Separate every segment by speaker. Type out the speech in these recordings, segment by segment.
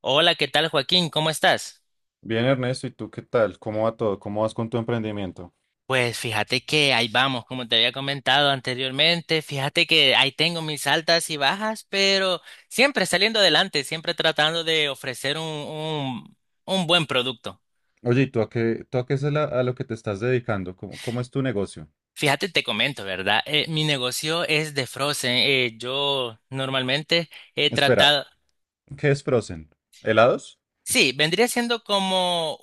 Speaker 1: Hola, ¿qué tal, Joaquín? ¿Cómo estás?
Speaker 2: Bien, Ernesto, ¿y tú qué tal? ¿Cómo va todo? ¿Cómo vas con tu emprendimiento?
Speaker 1: Pues fíjate que ahí vamos, como te había comentado anteriormente, fíjate que ahí tengo mis altas y bajas, pero siempre saliendo adelante, siempre tratando de ofrecer un buen producto.
Speaker 2: Oye, ¿y tú a qué es la- a lo que te estás dedicando? ¿Cómo es tu negocio?
Speaker 1: Fíjate, te comento, ¿verdad? Mi negocio es de Frozen. Yo normalmente he
Speaker 2: Espera,
Speaker 1: tratado,
Speaker 2: ¿qué es Frozen? ¿Helados?
Speaker 1: sí, vendría siendo como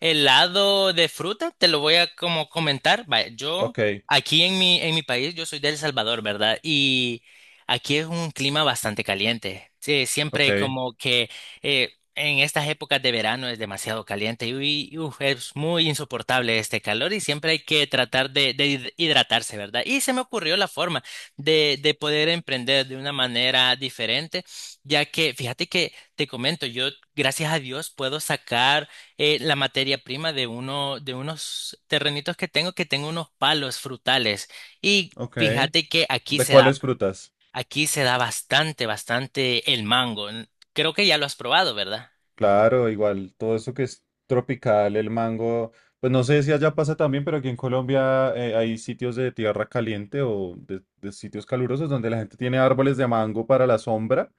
Speaker 1: helado de fruta, te lo voy a como comentar. Vaya, yo
Speaker 2: Ok,
Speaker 1: aquí en mi país, yo soy de El Salvador, ¿verdad? Y aquí es un clima bastante caliente. Sí,
Speaker 2: ok,
Speaker 1: siempre como que en estas épocas de verano es demasiado caliente y, es muy insoportable este calor y siempre hay que tratar de hidratarse, ¿verdad? Y se me ocurrió la forma de poder emprender de una manera diferente, ya que fíjate que te comento, yo gracias a Dios puedo sacar la materia prima de uno de unos terrenitos que tengo unos palos frutales y
Speaker 2: ok.
Speaker 1: fíjate que
Speaker 2: ¿De cuáles frutas?
Speaker 1: aquí se da bastante bastante el mango. Creo que ya lo has probado, ¿verdad?
Speaker 2: Claro, igual todo eso que es tropical, el mango, pues no sé si allá pasa también, pero aquí en Colombia hay sitios de tierra caliente o de sitios calurosos donde la gente tiene árboles de mango para la sombra,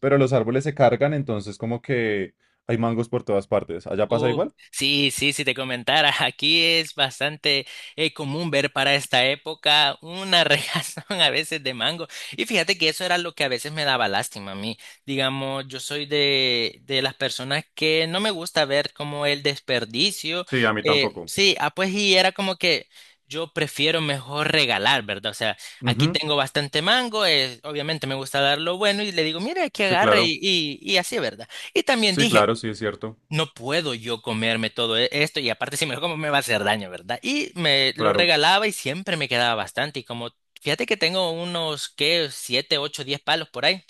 Speaker 2: pero los árboles se cargan, entonces como que hay mangos por todas partes. ¿Allá pasa
Speaker 1: Oh,
Speaker 2: igual?
Speaker 1: sí, sí, si te comentara, aquí es bastante común ver para esta época una regazón a veces de mango. Y fíjate que eso era lo que a veces me daba lástima a mí. Digamos, yo soy de las personas que no me gusta ver como el desperdicio.
Speaker 2: Sí, a mí tampoco.
Speaker 1: Sí, pues y era como que yo prefiero mejor regalar, ¿verdad? O sea, aquí
Speaker 2: Ujú.
Speaker 1: tengo bastante mango, obviamente me gusta dar lo bueno y le digo, mira, que
Speaker 2: Sí,
Speaker 1: agarre
Speaker 2: claro.
Speaker 1: y así, ¿verdad? Y también
Speaker 2: Sí,
Speaker 1: dije,
Speaker 2: claro, sí, es cierto.
Speaker 1: no puedo yo comerme esto y aparte si me lo como me va a hacer daño, ¿verdad? Y me lo
Speaker 2: Claro.
Speaker 1: regalaba y siempre me quedaba bastante y como fíjate que tengo unos qué siete, ocho, 10 palos por ahí.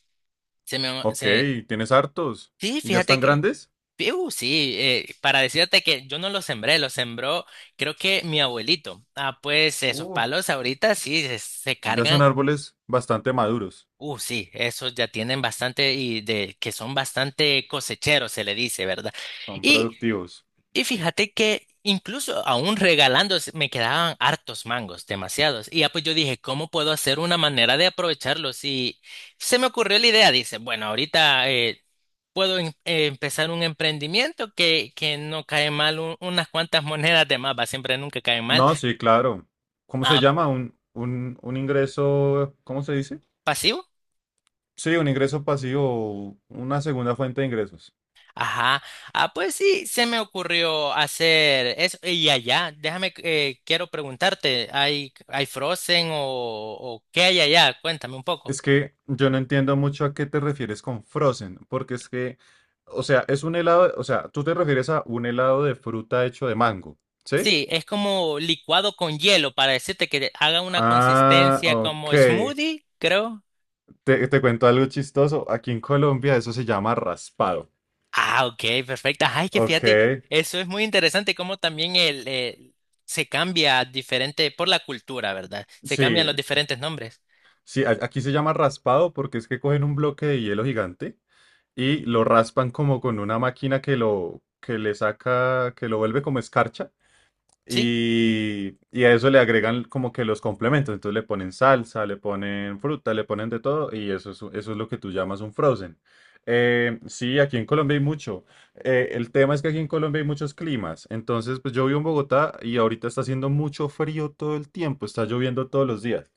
Speaker 1: Se me
Speaker 2: Ok,
Speaker 1: se
Speaker 2: tienes hartos.
Speaker 1: sí,
Speaker 2: ¿Y ya
Speaker 1: fíjate
Speaker 2: están
Speaker 1: que
Speaker 2: grandes?
Speaker 1: sí, para decirte que yo no los sembré, los sembró creo que mi abuelito. Ah, pues esos
Speaker 2: Uh,
Speaker 1: palos ahorita sí se
Speaker 2: ya son
Speaker 1: cargan.
Speaker 2: árboles bastante maduros,
Speaker 1: Sí, esos ya tienen bastante y de que son bastante cosecheros, se le dice, ¿verdad?
Speaker 2: son
Speaker 1: Y
Speaker 2: productivos.
Speaker 1: Y fíjate que incluso aún regalando me quedaban hartos mangos, demasiados. Y ya pues yo dije, ¿cómo puedo hacer una manera de aprovecharlos? Y se me ocurrió la idea, dice, bueno, ahorita puedo empezar un emprendimiento que no cae mal, unas cuantas monedas de más, va, siempre nunca cae mal.
Speaker 2: No, sí, claro. ¿Cómo
Speaker 1: Ah,
Speaker 2: se llama? Un ingreso, ¿cómo se dice?
Speaker 1: Pasivo.
Speaker 2: Sí, un ingreso pasivo, una segunda fuente de ingresos.
Speaker 1: Ajá. Ah, pues sí, se me ocurrió hacer eso. Y allá, déjame, quiero preguntarte, ¿ hay Frozen o qué hay allá? Cuéntame un poco.
Speaker 2: Es que yo no entiendo mucho a qué te refieres con frozen, porque es que, o sea, es un helado, o sea, tú te refieres a un helado de fruta hecho de mango, ¿sí?
Speaker 1: Sí, es como licuado con hielo para decirte que haga una
Speaker 2: Ah,
Speaker 1: consistencia
Speaker 2: ok.
Speaker 1: como smoothie, creo.
Speaker 2: Te cuento algo chistoso. Aquí en Colombia eso se llama raspado.
Speaker 1: Ah, ok, perfecto. Ay, que
Speaker 2: Ok.
Speaker 1: fíjate, eso es muy interesante como también se cambia diferente por la cultura, ¿verdad? Se cambian
Speaker 2: Sí,
Speaker 1: los diferentes nombres.
Speaker 2: sí, aquí se llama raspado porque es que cogen un bloque de hielo gigante y lo raspan como con una máquina que lo que le saca, que lo vuelve como escarcha
Speaker 1: Sí.
Speaker 2: y a eso le agregan como que los complementos, entonces le ponen salsa, le ponen fruta, le ponen de todo y eso es lo que tú llamas un frozen. Sí, aquí en Colombia hay mucho. El tema es que aquí en Colombia hay muchos climas. Entonces, pues yo vivo en Bogotá y ahorita está haciendo mucho frío todo el tiempo, está lloviendo todos los días.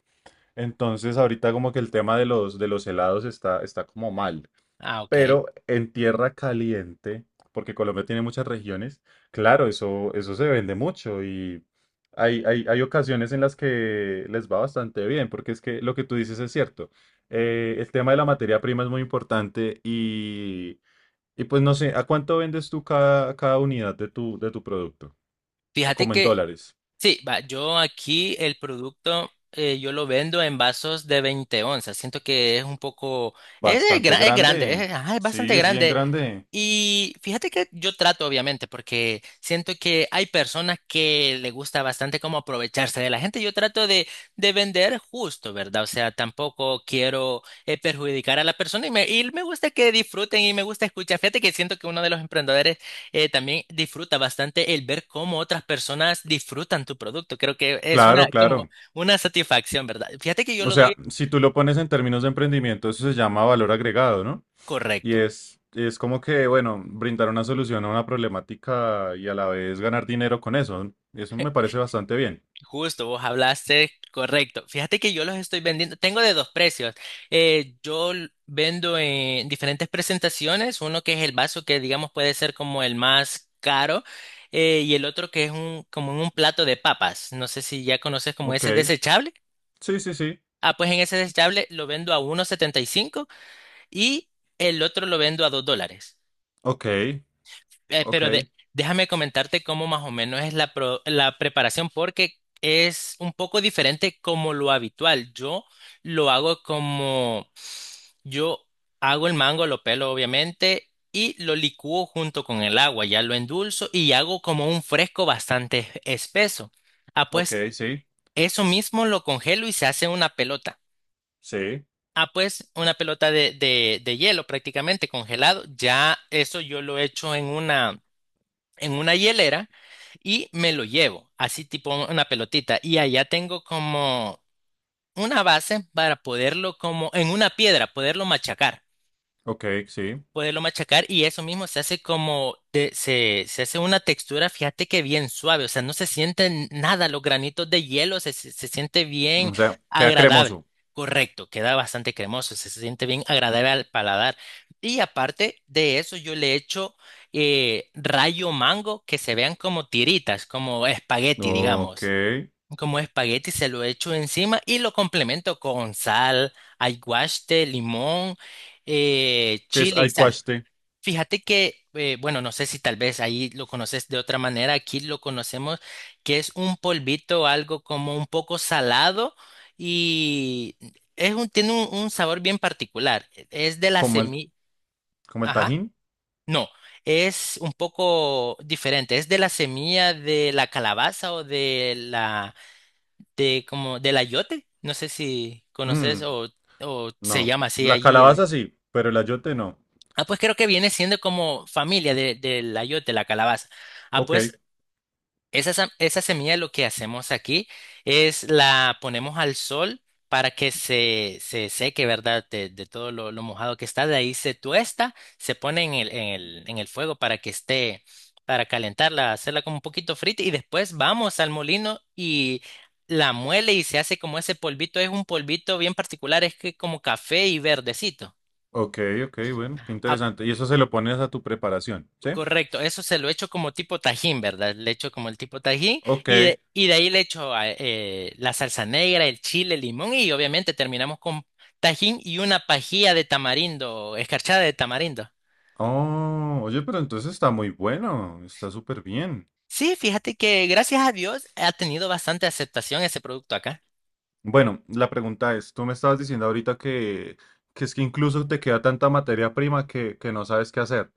Speaker 2: Entonces, ahorita como que el tema de los helados está, está como mal.
Speaker 1: Ah, ok.
Speaker 2: Pero en tierra caliente, porque Colombia tiene muchas regiones, claro, eso se vende mucho y hay ocasiones en las que les va bastante bien, porque es que lo que tú dices es cierto. El tema de la materia prima es muy importante y pues no sé, ¿a cuánto vendes tú cada unidad de tu producto?
Speaker 1: Fíjate
Speaker 2: Como en
Speaker 1: que
Speaker 2: dólares.
Speaker 1: sí, va, yo aquí el producto yo lo vendo en vasos de 20 onzas. Siento que es un poco,
Speaker 2: Bastante
Speaker 1: es grande,
Speaker 2: grande.
Speaker 1: ajá, es
Speaker 2: Sí,
Speaker 1: bastante
Speaker 2: es bien
Speaker 1: grande.
Speaker 2: grande.
Speaker 1: Y fíjate que yo trato, obviamente, porque siento que hay personas que le gusta bastante como aprovecharse de la gente. Yo trato de vender justo, ¿verdad? O sea, tampoco quiero perjudicar a la persona y me gusta que disfruten y me gusta escuchar. Fíjate que siento que uno de los emprendedores también disfruta bastante el ver cómo otras personas disfrutan tu producto. Creo que es una,
Speaker 2: Claro,
Speaker 1: como
Speaker 2: claro.
Speaker 1: una satisfacción, ¿verdad? Fíjate que yo
Speaker 2: O
Speaker 1: lo
Speaker 2: sea,
Speaker 1: doy
Speaker 2: si tú lo pones en términos de emprendimiento, eso se llama valor agregado, ¿no? Y
Speaker 1: correcto.
Speaker 2: es como que, bueno, brindar una solución a una problemática y a la vez ganar dinero con eso. Eso me parece bastante bien.
Speaker 1: Justo, vos hablaste correcto. Fíjate que yo los estoy vendiendo. Tengo de dos precios. Vendo en diferentes presentaciones, uno que es el vaso que digamos puede ser como el más caro. Y el otro que es un, como en un plato de papas. No sé si ya conoces como
Speaker 2: Ok.
Speaker 1: ese desechable.
Speaker 2: Sí, sí, sí.
Speaker 1: Ah, pues en ese desechable lo vendo a 1.75. Y el otro lo vendo a $2.
Speaker 2: Ok.
Speaker 1: Eh, pero de-
Speaker 2: Ok.
Speaker 1: Déjame comentarte cómo más o menos es la preparación, porque es un poco diferente como lo habitual. Lo hago como yo hago el mango, lo pelo obviamente, y lo licúo junto con el agua, ya lo endulzo y hago como un fresco bastante espeso. Ah,
Speaker 2: Ok,
Speaker 1: pues
Speaker 2: sí.
Speaker 1: eso mismo lo congelo y se hace una pelota.
Speaker 2: Sí.
Speaker 1: Ah, pues una pelota de hielo prácticamente congelado. Ya eso yo lo echo en una hielera y me lo llevo, así tipo una pelotita. Y allá tengo como una base para poderlo como en una piedra,
Speaker 2: Ok, sí.
Speaker 1: poderlo machacar y eso mismo se hace como, se hace una textura, fíjate que bien suave, o sea, no se sienten nada, los granitos de hielo se siente bien
Speaker 2: O sea, queda
Speaker 1: agradable.
Speaker 2: cremoso.
Speaker 1: Correcto, queda bastante cremoso, se siente bien agradable al paladar. Y aparte de eso, yo le echo rayo mango que se vean como tiritas, como espagueti,
Speaker 2: Ok.
Speaker 1: digamos.
Speaker 2: ¿Qué
Speaker 1: Como espagueti se lo echo encima y lo complemento con sal, aguaste, limón,
Speaker 2: es
Speaker 1: chile y sal.
Speaker 2: aicuaste?
Speaker 1: Fíjate que, bueno, no sé si tal vez ahí lo conoces de otra manera, aquí lo conocemos que es un polvito, algo como un poco salado y es un, tiene un sabor bien particular. Es de la
Speaker 2: ¿Como el,
Speaker 1: semilla,
Speaker 2: como el
Speaker 1: ajá,
Speaker 2: tajín?
Speaker 1: no, es un poco diferente, es de la semilla de la calabaza o de la, de como, del ayote, no sé si conoces
Speaker 2: Mm,
Speaker 1: o se
Speaker 2: no.
Speaker 1: llama así
Speaker 2: La
Speaker 1: allí.
Speaker 2: calabaza sí, pero el ayote no.
Speaker 1: Ah, pues creo que viene siendo como familia de, del ayote, la calabaza. Ah,
Speaker 2: Ok.
Speaker 1: pues esa semilla lo que hacemos aquí es la ponemos al sol para que se seque, ¿verdad? De todo lo mojado que está. De ahí se tuesta, se pone en en el fuego para que esté, para calentarla, hacerla como un poquito frita y después vamos al molino y la muele y se hace como ese polvito. Es un polvito bien particular, es que como café y verdecito.
Speaker 2: Ok, ok, bueno, qué
Speaker 1: Ah,
Speaker 2: interesante. Y eso se lo pones a tu preparación, ¿sí?
Speaker 1: Correcto, eso se lo echo como tipo tajín, ¿verdad? Le echo como el tipo tajín
Speaker 2: Ok.
Speaker 1: y de ahí le echo la salsa negra, el chile, el limón y obviamente terminamos con tajín y una pajilla de tamarindo, escarchada de tamarindo.
Speaker 2: Oh, oye, pero entonces está muy bueno, está súper bien.
Speaker 1: Sí, fíjate que gracias a Dios ha tenido bastante aceptación ese producto acá.
Speaker 2: Bueno, la pregunta es, tú me estabas diciendo ahorita que es que incluso te queda tanta materia prima que no sabes qué hacer.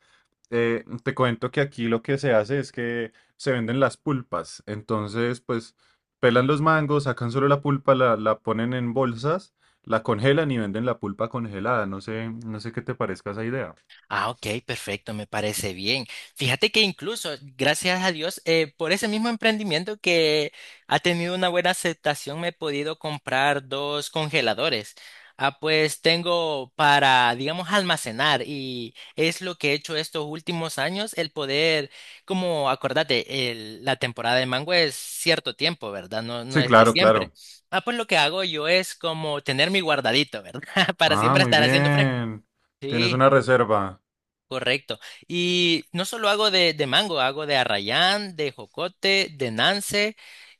Speaker 2: Te cuento que aquí lo que se hace es que se venden las pulpas. Entonces, pues, pelan los mangos, sacan solo la pulpa, la ponen en bolsas, la congelan y venden la pulpa congelada. No sé, no sé qué te parezca esa idea.
Speaker 1: Ah, ok, perfecto, me parece bien. Fíjate que incluso, gracias a Dios, por ese mismo emprendimiento que ha tenido una buena aceptación, me he podido comprar dos congeladores. Ah, pues tengo para, digamos, almacenar y es lo que he hecho estos últimos años, el poder, como acordate, la temporada de mango es cierto tiempo, ¿verdad? No, no
Speaker 2: Sí,
Speaker 1: es de
Speaker 2: claro,
Speaker 1: siempre.
Speaker 2: claro.
Speaker 1: Ah, pues lo que hago yo es como tener mi guardadito, ¿verdad? Para
Speaker 2: Ah,
Speaker 1: siempre
Speaker 2: muy
Speaker 1: estar haciendo fresco.
Speaker 2: bien. Tienes
Speaker 1: Sí.
Speaker 2: una reserva.
Speaker 1: Correcto. Y no solo hago de mango, hago de arrayán, de jocote, de nance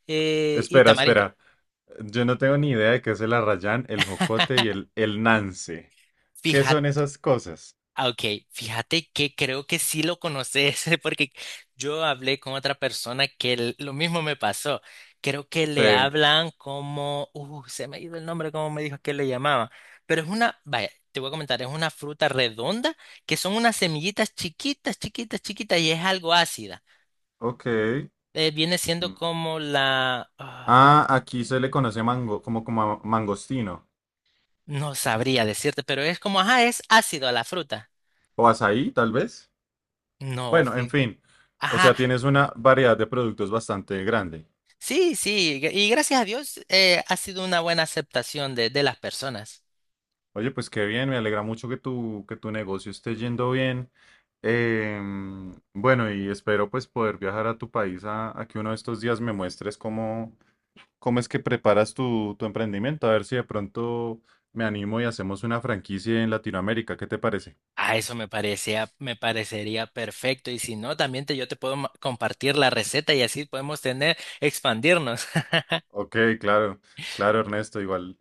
Speaker 1: y
Speaker 2: Espera,
Speaker 1: tamarindo.
Speaker 2: espera. Yo no tengo ni idea de qué es el arrayán, el jocote y el nance. ¿Qué son
Speaker 1: Fíjate,
Speaker 2: esas cosas?
Speaker 1: ok, fíjate que creo que sí lo conoces, porque yo hablé con otra persona que lo mismo me pasó. Creo que
Speaker 2: Sí,
Speaker 1: le hablan como, se me ha ido el nombre, como me dijo que le llamaba. Pero es una, vaya, te voy a comentar, es una fruta redonda que son unas semillitas chiquitas y es algo ácida.
Speaker 2: ok.
Speaker 1: Viene siendo
Speaker 2: Mm.
Speaker 1: como la... ah, no,
Speaker 2: Ah, aquí se le conoce mango, como, como mangostino.
Speaker 1: no sabría decirte, pero es como, ajá, es ácido a la fruta.
Speaker 2: O azaí, tal vez.
Speaker 1: No,
Speaker 2: Bueno, en
Speaker 1: sí.
Speaker 2: fin. O
Speaker 1: Ajá,
Speaker 2: sea, tienes una variedad de productos bastante grande.
Speaker 1: sí, y gracias a Dios ha sido una buena aceptación de las personas.
Speaker 2: Oye, pues qué bien, me alegra mucho que tu negocio esté yendo bien. Bueno, y espero pues poder viajar a tu país a que uno de estos días me muestres cómo. ¿Cómo es que preparas tu, tu emprendimiento? A ver si de pronto me animo y hacemos una franquicia en Latinoamérica. ¿Qué te parece?
Speaker 1: A eso me parecía, me parecería perfecto y si no, también te, yo te puedo compartir la receta y así podemos tener, expandirnos.
Speaker 2: Ok, claro, claro, Ernesto. Igual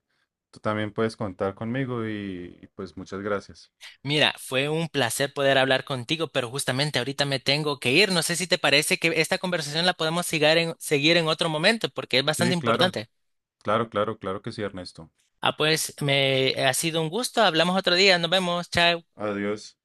Speaker 2: tú también puedes contar conmigo y pues muchas gracias.
Speaker 1: Mira, fue un placer poder hablar contigo, pero justamente ahorita me tengo que ir. No sé si te parece que esta conversación la podemos seguir en otro momento porque es bastante
Speaker 2: Sí, claro,
Speaker 1: importante.
Speaker 2: claro, claro, claro que sí, Ernesto.
Speaker 1: Ah, pues me ha sido un gusto. Hablamos otro día. Nos vemos. Chao.
Speaker 2: Adiós.